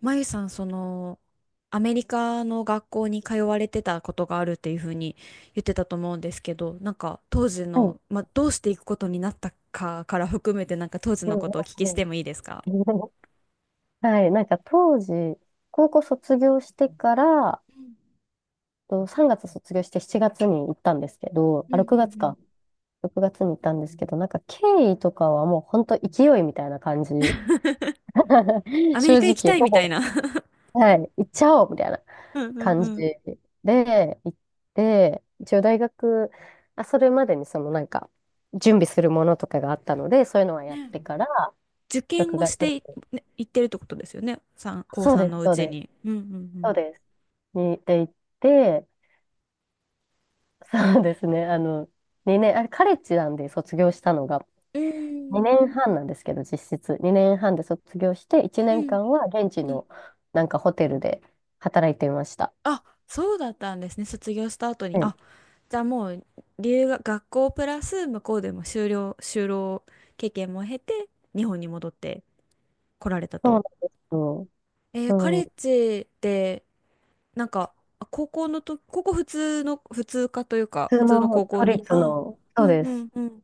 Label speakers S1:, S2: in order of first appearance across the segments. S1: まゆさん、その、アメリカの学校に通われてたことがあるっていうふうに言ってたと思うんですけど、なんか当時
S2: はい。
S1: の、まあ、どうしていくことになったかから含めて、なんか当時
S2: うん、
S1: の
S2: う
S1: ことをお聞きし
S2: ん
S1: てもいいですか？
S2: うん。 はい。なんか当時、高校卒業してから、
S1: うん
S2: と3月卒業して7月に行ったんですけど、
S1: うん
S2: あ、
S1: う
S2: 6月か。
S1: ん。
S2: 6月に行ったんですけど、なんか経緯とかはもう本当勢いみたいな感じ。
S1: アメ
S2: 正
S1: リカ行き
S2: 直、
S1: たい
S2: ほ
S1: みた
S2: ぼ、
S1: いな。
S2: はい、行っちゃおうみたいな
S1: うんうん
S2: 感じ
S1: うん。
S2: で、行って、一応大学、あ、それまでにそのなんか、準備するものとかがあったので、そういうのはやっ
S1: ね、
S2: てから、
S1: 受験
S2: 6
S1: を
S2: 月、
S1: してい、ね、行ってるってことですよね。三高
S2: そう
S1: 3
S2: で
S1: の
S2: す、
S1: う
S2: そう
S1: ち
S2: です。
S1: に。うんう
S2: そう
S1: ん
S2: です。に、で行って、そうですね、あの、2年、あれ、カレッジなんで卒業したのが、
S1: うん。うん
S2: 2年半なんですけど、実質。2年半で卒業して、1
S1: う
S2: 年
S1: ん
S2: 間は現地
S1: うん。
S2: のなんかホテルで働いていました。
S1: あ、そうだったんですね。卒業した後に。
S2: うん、
S1: あ、じゃあもう留学、学校プラス向こうでも修了、就労経験も経て日本に戻って来られた
S2: そうなん
S1: と。
S2: ですよ。う
S1: カレ
S2: ん、
S1: ッ
S2: 普
S1: ジでなんか、高校、普通科というか普
S2: 通
S1: 通の
S2: の
S1: 高校
S2: 都
S1: に、
S2: 立
S1: あ、
S2: の、
S1: う
S2: そう
S1: ん
S2: で
S1: う
S2: す。
S1: んうん。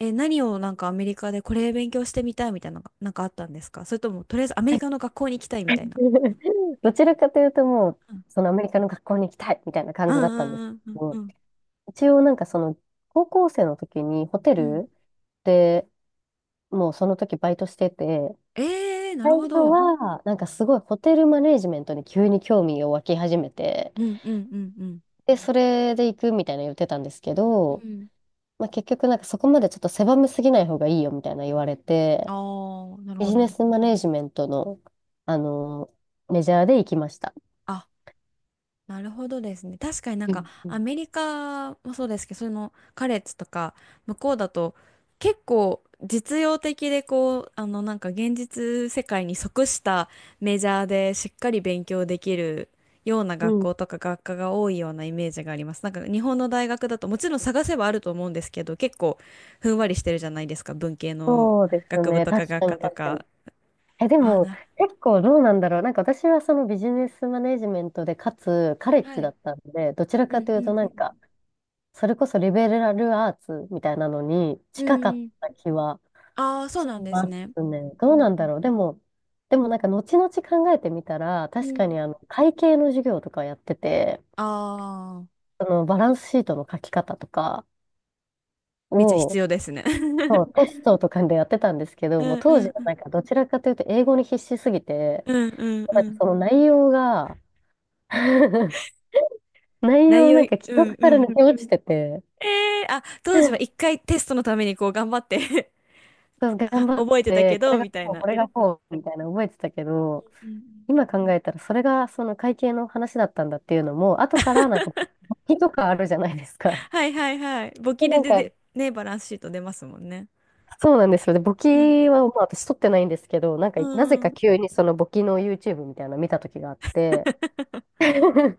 S1: 何をなんかアメリカでこれ勉強してみたいみたいなのがなんかあったんですか？それともとりあえずアメリカの学校に行きたいみたいな。
S2: どちらかというと、もう、
S1: うん
S2: そのアメリカの学校に行きたいみたいな
S1: う
S2: 感じだったんです
S1: んうんう
S2: け
S1: んう
S2: ど、
S1: ん
S2: 一応なんかその、高校生の時にホテ
S1: うん。
S2: ルでもうその時バイトしてて、
S1: えんえー、な
S2: 最
S1: るほ
S2: 初
S1: ど。
S2: は、なんかすごいホテルマネージメントに急に興味を湧き始めて、
S1: うんうんうんう
S2: で、それで行くみたいな言ってたんですけ
S1: ん。う
S2: ど、
S1: ん。
S2: まあ、結局なんかそこまでちょっと狭めすぎない方がいいよみたいな言われて、
S1: ああ、なる
S2: ビ
S1: ほ
S2: ジネ
S1: ど。
S2: スマネージメントの、あの、メジャーで行きました。
S1: あ、なるほどですね。確かになん
S2: う
S1: か
S2: んう
S1: ア
S2: ん
S1: メリカもそうですけど、そのカレッジとか向こうだと結構実用的でこう、あのなんか現実世界に即したメジャーでしっかり勉強できるような
S2: う
S1: 学
S2: ん、
S1: 校とか学科が多いようなイメージがあります。なんか日本の大学だともちろん探せばあると思うんですけど、結構ふんわりしてるじゃないですか、文系の
S2: そうです
S1: 学部
S2: ね。
S1: とか
S2: 確
S1: 学
S2: か
S1: 科
S2: に
S1: と
S2: 確かに。
S1: か。
S2: え、で
S1: あ、
S2: も結構どうなんだろう。なんか私はそのビジネスマネージメントで、かつカレッジ
S1: は
S2: だ
S1: い。
S2: ったんで、どちら
S1: う
S2: か
S1: ん
S2: とい
S1: う
S2: うと
S1: んう
S2: なんか
S1: ん。
S2: それこそリベラルアーツみたいなのに
S1: う
S2: 近かっ
S1: ん。
S2: た気は
S1: ああ、そう
S2: し
S1: なんです
S2: ま
S1: ね。
S2: すね。ど
S1: う
S2: う
S1: ん
S2: なん
S1: う
S2: だ
S1: ん。
S2: ろう。でも、でもなんか後々考えてみたら、
S1: う
S2: 確か
S1: ん。
S2: にあの会計の授業とかやってて、
S1: ああ、
S2: そのバランスシートの書き方とか
S1: めっちゃ必
S2: を、
S1: 要ですね。
S2: そ うテストとかでやってたんですけ
S1: う
S2: ど、もう
S1: んう
S2: 当時
S1: ん
S2: は
S1: うん。
S2: なんかどちらかというと英語に必死すぎて、
S1: うんうん
S2: なん
S1: う
S2: か
S1: ん。
S2: その内容が 内
S1: 内
S2: 容
S1: 容
S2: なん
S1: い、
S2: か記
S1: うん
S2: 憶か
S1: う
S2: ら
S1: ん。
S2: 抜け落ちてて、
S1: ええあ、当時は一回テストのためにこう頑張って、
S2: そう頑 張っ
S1: 覚えてた
S2: て、
S1: け
S2: こ
S1: ど、
S2: れが
S1: みたい
S2: こう、
S1: な。
S2: これがこう、みたいな覚えてたけど、
S1: うんうん。
S2: 今考えたらそれがその会計の話だったんだっていうのも、後からなんか、簿記とかあるじゃないですか。
S1: はいはいはい。簿 記
S2: で
S1: で
S2: なんか、
S1: ね、バランスシート出ますもんね。
S2: そうなんですよ。で、簿記
S1: うん。
S2: は、まあ、私取ってないんですけど、なんか、
S1: う
S2: なぜか
S1: ん。
S2: 急にその簿記の YouTube みたいなの見た時があって、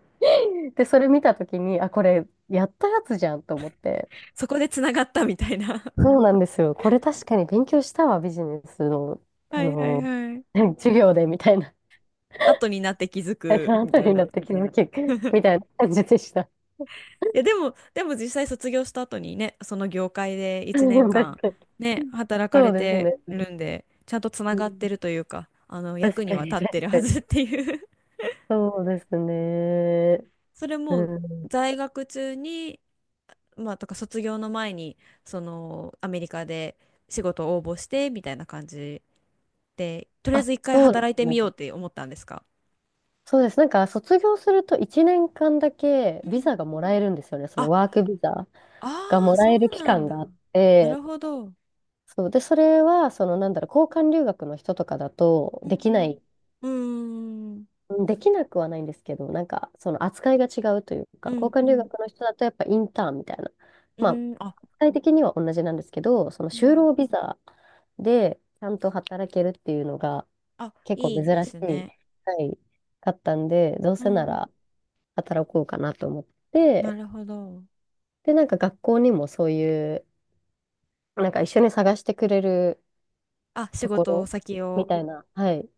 S2: で、それ見た時に、あ、これ、やったやつじゃんと思って。
S1: そこでつながったみたいな。
S2: そうなんですよ。これ確かに勉強したわ、ビジネスの、あ
S1: はいはい
S2: の、
S1: はい。
S2: 授業でみたいな。
S1: 後になって気づ
S2: そ
S1: く
S2: の
S1: み
S2: 後
S1: たい
S2: にな
S1: な。
S2: って気づき、みたいな感じでした。
S1: いや、でも実際卒業した後にね、その業界で 1年
S2: 確か
S1: 間、ね、
S2: に。
S1: 働か
S2: そ
S1: れ
S2: うです
S1: て
S2: ね。
S1: るんで、ちゃんとつな
S2: う
S1: がって
S2: ん、
S1: るというか、あの、
S2: 確
S1: 役に
S2: か
S1: は
S2: に、
S1: 立って
S2: 確
S1: る
S2: か
S1: は
S2: に。
S1: ずっていう。
S2: そうですね。
S1: それ
S2: う
S1: も、
S2: ん。
S1: 在学中に、まあ、とか卒業の前に、その、アメリカで仕事を応募して、みたいな感じで、とりあえ
S2: あ、
S1: ず一回
S2: そうで
S1: 働い
S2: す
S1: てみようっ
S2: ね。
S1: て思ったんですか？
S2: そうです。なんか、卒業すると1年間だけ
S1: う
S2: ビ
S1: ん。
S2: ザがもらえるんですよね。その
S1: あ、
S2: ワークビザが
S1: あ
S2: も
S1: あ、
S2: ら
S1: そ
S2: える
S1: う
S2: 期
S1: なん
S2: 間
S1: だ。
S2: があっ
S1: な
S2: て、
S1: るほど。
S2: そう。で、それは、その、なんだろう、交換留学の人とかだと
S1: う
S2: できな
S1: ん
S2: い
S1: うんうーん、
S2: うんできなくはないんですけど、なんかその扱いが違うというか、
S1: う
S2: 交
S1: ん、う
S2: 換留
S1: ん、
S2: 学の人だとやっぱインターンみたいな、
S1: う
S2: まあ、
S1: ん、あ、
S2: 具体的には同じなんですけど、その
S1: う
S2: 就
S1: ん。
S2: 労ビザでちゃんと働けるっていうのが
S1: あ、
S2: 結構
S1: い
S2: 珍し
S1: いです
S2: い、
S1: ね。
S2: はい、かったんで、どう
S1: う
S2: せな
S1: ん。
S2: ら働こうかなと思っ
S1: な
S2: て、
S1: るほど。
S2: で、なんか学校にもそういう、なんか一緒に探してくれる
S1: あ、仕
S2: とこ
S1: 事
S2: ろ
S1: 先
S2: み
S1: を、
S2: たいな、はい、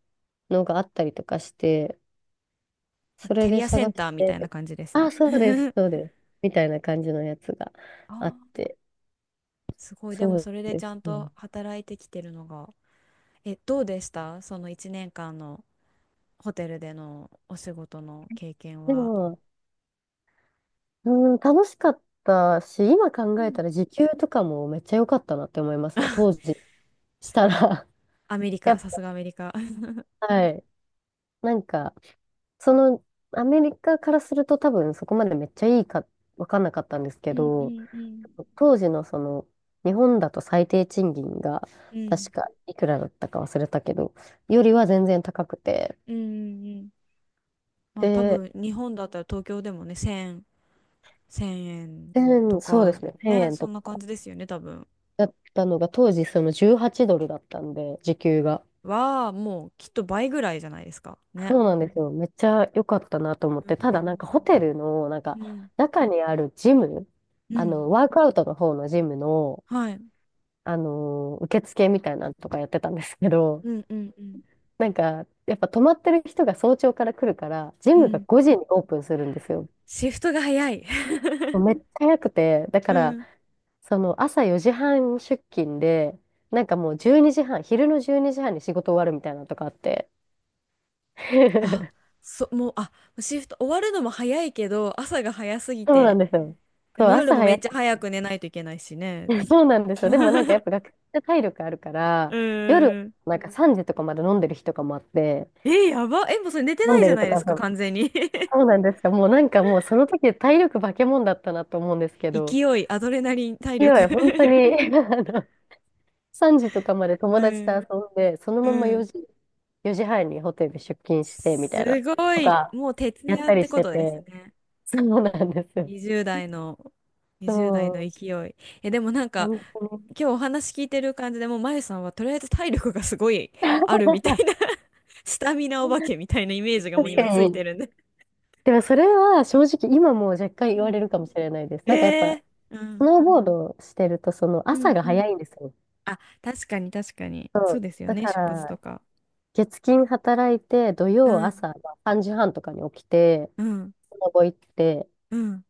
S2: のがあったりとかして、
S1: なん
S2: そ
S1: かキ
S2: れ
S1: ャ
S2: で
S1: リアセ
S2: 探
S1: ンタ
S2: し
S1: ーみたいな
S2: て、
S1: 感じです
S2: あ、
S1: ね。
S2: そうです、そうです。みたいな感じのやつが
S1: あ
S2: あっ
S1: ー、
S2: て、
S1: すごい。でも
S2: そう
S1: それで
S2: で
S1: ちゃ
S2: す
S1: ん
S2: ね。
S1: と働いてきてるのが。え、どうでしたその1年間のホテルでのお仕事の経験
S2: で
S1: は？
S2: も、うん、楽しかったし、今
S1: う
S2: 考え
S1: ん。
S2: たら時給とかもめっちゃ良かったなって思いますね。当時したら。
S1: アメリ
S2: や
S1: カ、
S2: っ
S1: さすがアメリカ。
S2: ぱ、はい。なんか、その、アメリカからすると多分そこまでめっちゃいいか分かんなかったんですけ
S1: うんう
S2: ど、
S1: んうん。
S2: 当時のその、日本だと最低賃金が、
S1: うん。
S2: 確かいくらだったか忘れたけど、よりは全然高くて、
S1: うんうんうん。まあ多
S2: で、
S1: 分日本だったら東京でもね、1000円と
S2: 1000そうで
S1: か、
S2: すね、1
S1: ね、
S2: 円
S1: そ
S2: と
S1: んな感
S2: か
S1: じですよね、多分。
S2: だったのが、当時その18ドルだったんで、時給が。
S1: は、もうきっと倍ぐらいじゃないですか。ね。
S2: そうなんですよ。めっちゃ良かったなと思って、ただなんかホテルの、なん
S1: う
S2: か、
S1: ん。
S2: 中にあるジム、
S1: うん。
S2: ワークアウトの方のジムの、
S1: はい。
S2: 受付みたいなのとかやってたんですけど、
S1: うんうんうん。
S2: なんか、やっぱ泊まってる人が早朝から来るから、ジ
S1: う
S2: ムが
S1: ん。
S2: 5時にオープンするんですよ。
S1: シフトが早い。
S2: めっちゃ早くて、だか
S1: う
S2: ら、
S1: ん。
S2: その朝4時半出勤で、なんかもう12時半、昼の12時半にじはんに仕事終わるみたいなのとかあって。
S1: あ、もう、あ、シフト終わるのも早いけど、朝が早すぎ
S2: そうなん
S1: て、
S2: ですよ。
S1: で
S2: そう、
S1: も夜
S2: 朝
S1: もめ
S2: 早
S1: っちゃ
S2: く。
S1: 早く寝ないといけないしね。
S2: そうなんですよ。でもなんかやっ ぱ学生って体力あるから、
S1: う
S2: 夜
S1: ーん。
S2: なんか3時とかまで飲んでる日とかもあって、
S1: え、やば。え、もうそれ寝て
S2: 飲
S1: な
S2: ん
S1: い
S2: で
S1: じゃ
S2: る
S1: な
S2: と
S1: いで
S2: か
S1: す
S2: そ
S1: か、
S2: う、
S1: 完全に。
S2: そうなん ですか。もうなんかもうその時体力化け物だったなと思うんですけど、
S1: 勢い、アドレナリン、体
S2: 勢
S1: 力。
S2: い、本当に、3時とかまで 友
S1: う
S2: 達と遊
S1: ん。
S2: んで、そのまま
S1: う
S2: 4
S1: ん。
S2: 時、4時半にホテル出勤してみ
S1: す
S2: たいな、
S1: ご
S2: と
S1: い、
S2: か、
S1: もう徹
S2: やっ
S1: 夜っ
S2: たり
S1: て
S2: し
S1: こ
S2: て
S1: とです
S2: て、
S1: ね。
S2: そうなんですよ。
S1: 20代の、20代の
S2: そう、
S1: 勢い。え、でもなんか、
S2: 本当に。
S1: 今日お話聞いてる感じでもう、まゆさんはとりあえず体力がすごいあるみたいな、 スタミナお化けみたいなイメージがもう
S2: 確か
S1: 今ついて
S2: に。
S1: るんで。
S2: でもそれは正直今もう若干言
S1: う
S2: わ
S1: ん。
S2: れるかもしれないです。なんかやっ
S1: え
S2: ぱ、
S1: ー、う
S2: ス
S1: ん。
S2: ノーボードしてると、その
S1: う
S2: 朝
S1: ん
S2: が
S1: うん。
S2: 早いんですよ。
S1: あ、確かに確かに。
S2: そ
S1: そう
S2: う。
S1: ですよ
S2: だ
S1: ね、
S2: か
S1: 出発と
S2: ら、
S1: か。
S2: 月金働いて、土
S1: う
S2: 曜
S1: ん。
S2: 朝まあ3時半とかに起きて、
S1: うん。
S2: スノボ行って、
S1: うん。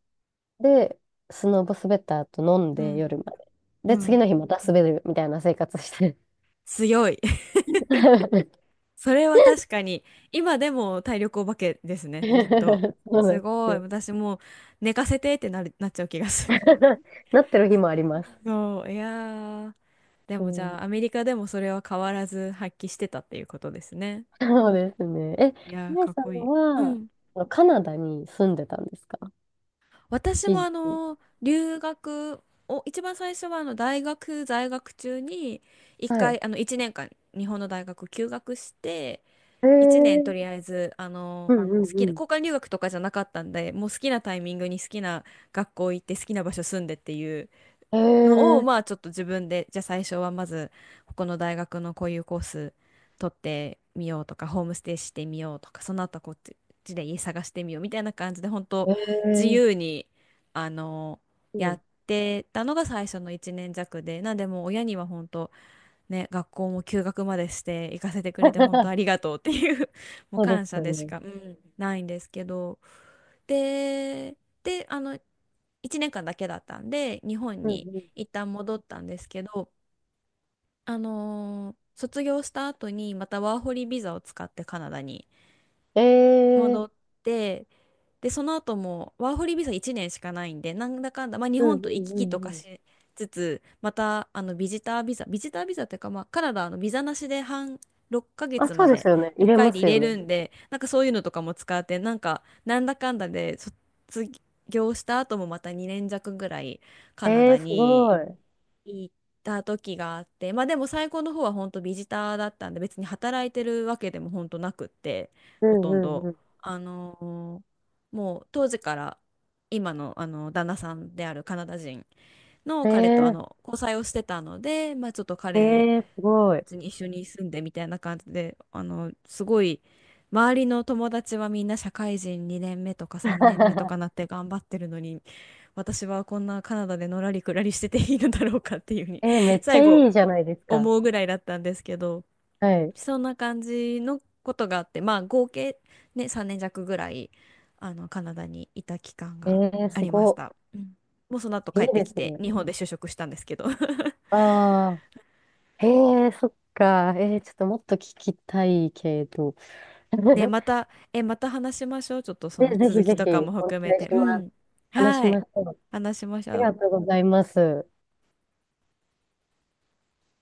S2: で、スノボ滑った後飲ん
S1: う
S2: で
S1: ん。
S2: 夜まで。で、
S1: う
S2: 次
S1: ん。
S2: の日また滑るみたいな生活して。
S1: 強い。それは確かに、今でも体力お化けですね、きっと。
S2: そうなん
S1: す
S2: です
S1: ごい。
S2: よ。
S1: 私もう寝かせてってなっちゃう気がする。
S2: なってる日もありま す。
S1: そう、いやー。で
S2: う
S1: もじ
S2: ん、
S1: ゃあ、アメリカでもそれは変わらず発揮してたっていうことですね。
S2: そうですね。え、
S1: いやー、
S2: 皆
S1: かっ
S2: さん
S1: こいい。う
S2: は、
S1: ん。
S2: あのカナダに住んでたんですか、
S1: 私
S2: 一
S1: もあ
S2: 時？
S1: の、留学を、一番最初はあの、大学在学中に、一
S2: はい。
S1: 回、あの、一年間、日本の大学休学して、
S2: え
S1: 1年と
S2: ー、
S1: りあえずあ
S2: う
S1: の
S2: んうん
S1: 好
S2: う
S1: きな
S2: ん。
S1: 交換留学とかじゃなかったんで、もう好きなタイミングに好きな学校行って好きな場所住んでっていう
S2: え
S1: のを
S2: ー、
S1: まあちょっと自分で、じゃあ最初はまずここの大学のこういうコース取ってみようとかホームステイしてみようとかその後こっちで家探してみようみたいな感じで本当
S2: え
S1: 自
S2: ー、
S1: 由にあの
S2: う
S1: やっ
S2: ん。
S1: てたのが最初の1年弱で、なんでもう親には本当ね、学校も休学までして行かせてくれて本当 ありがとうっていう、 もう
S2: そうで
S1: 感
S2: す
S1: 謝
S2: よ
S1: でし
S2: ね。
S1: かないんですけど、で、あの1年間だけだったんで日本
S2: うんう
S1: に
S2: ん。
S1: 一旦戻ったんですけど、あのー卒業した後にまたワーホリビザを使ってカナダに
S2: えー、
S1: 戻って、で、その後もワーホリビザ1年しかないんで、なんだかんだ、まあ、日
S2: うんう
S1: 本と行
S2: ん
S1: き
S2: う
S1: 来とか
S2: んうん。
S1: しつつ、またあのビジタービザ、ビジタービザっていうか、まあ、カナダはあのビザなしで6ヶ
S2: あ、
S1: 月
S2: そ
S1: ま
S2: うで
S1: で
S2: すよね。入
S1: 1
S2: れ
S1: 回
S2: ま
S1: で
S2: す
S1: 入
S2: よ
S1: れ
S2: ね。
S1: るんで、なんかそういうのとかも使って、なんだかんだで卒業した後もまた2年弱ぐらいカナ
S2: え
S1: ダ
S2: ー、す
S1: に。
S2: ごい。
S1: 行った時があって、まあでも最後の方は本当ビジターだったんで、別に働いてるわけでも本当なくって、
S2: う
S1: ほ
S2: ん
S1: と
S2: う
S1: ん
S2: ん
S1: ど、
S2: うん。
S1: あのーもう当時から今の、あの旦那さんであるカナダ人の彼とあ
S2: え
S1: の交際をしてたので、まあちょっと
S2: え
S1: 彼
S2: ええすごい。
S1: 別に一緒に住んでみたいな感じで、あの、すごい、周りの友達はみんな社会人2年目とか3年目とか なって頑張ってるのに、私はこんなカナダでのらりくらりしてていいのだろうかっていうふうに、
S2: えーめっち
S1: 最
S2: ゃい
S1: 後
S2: いじゃないですか。
S1: 思うぐらいだったんですけど、
S2: はい。
S1: そんな感じのことがあって、まあ合計ね、3年弱ぐらい、あの、カナダにいた期間
S2: え
S1: が
S2: え
S1: あ
S2: す
S1: りまし
S2: ご。
S1: た。うん、もうその後
S2: い
S1: 帰
S2: い
S1: って
S2: で
S1: き
S2: す
S1: て、
S2: ね。
S1: 日本で就職したんですけど。
S2: ああ、ええそっか。えーちょっともっと聞きたいけど。
S1: ね、また、え、また話しましょう。ちょっとその
S2: ぜ
S1: 続
S2: ひ
S1: き
S2: ぜ
S1: と
S2: ひ、
S1: かも
S2: お
S1: 含め
S2: 願い
S1: て。
S2: し
S1: う
S2: ます。
S1: ん。
S2: 話し
S1: は
S2: ま
S1: い。
S2: しょう。
S1: 話しまし
S2: あり
S1: ょ
S2: がとう
S1: う。
S2: ございます。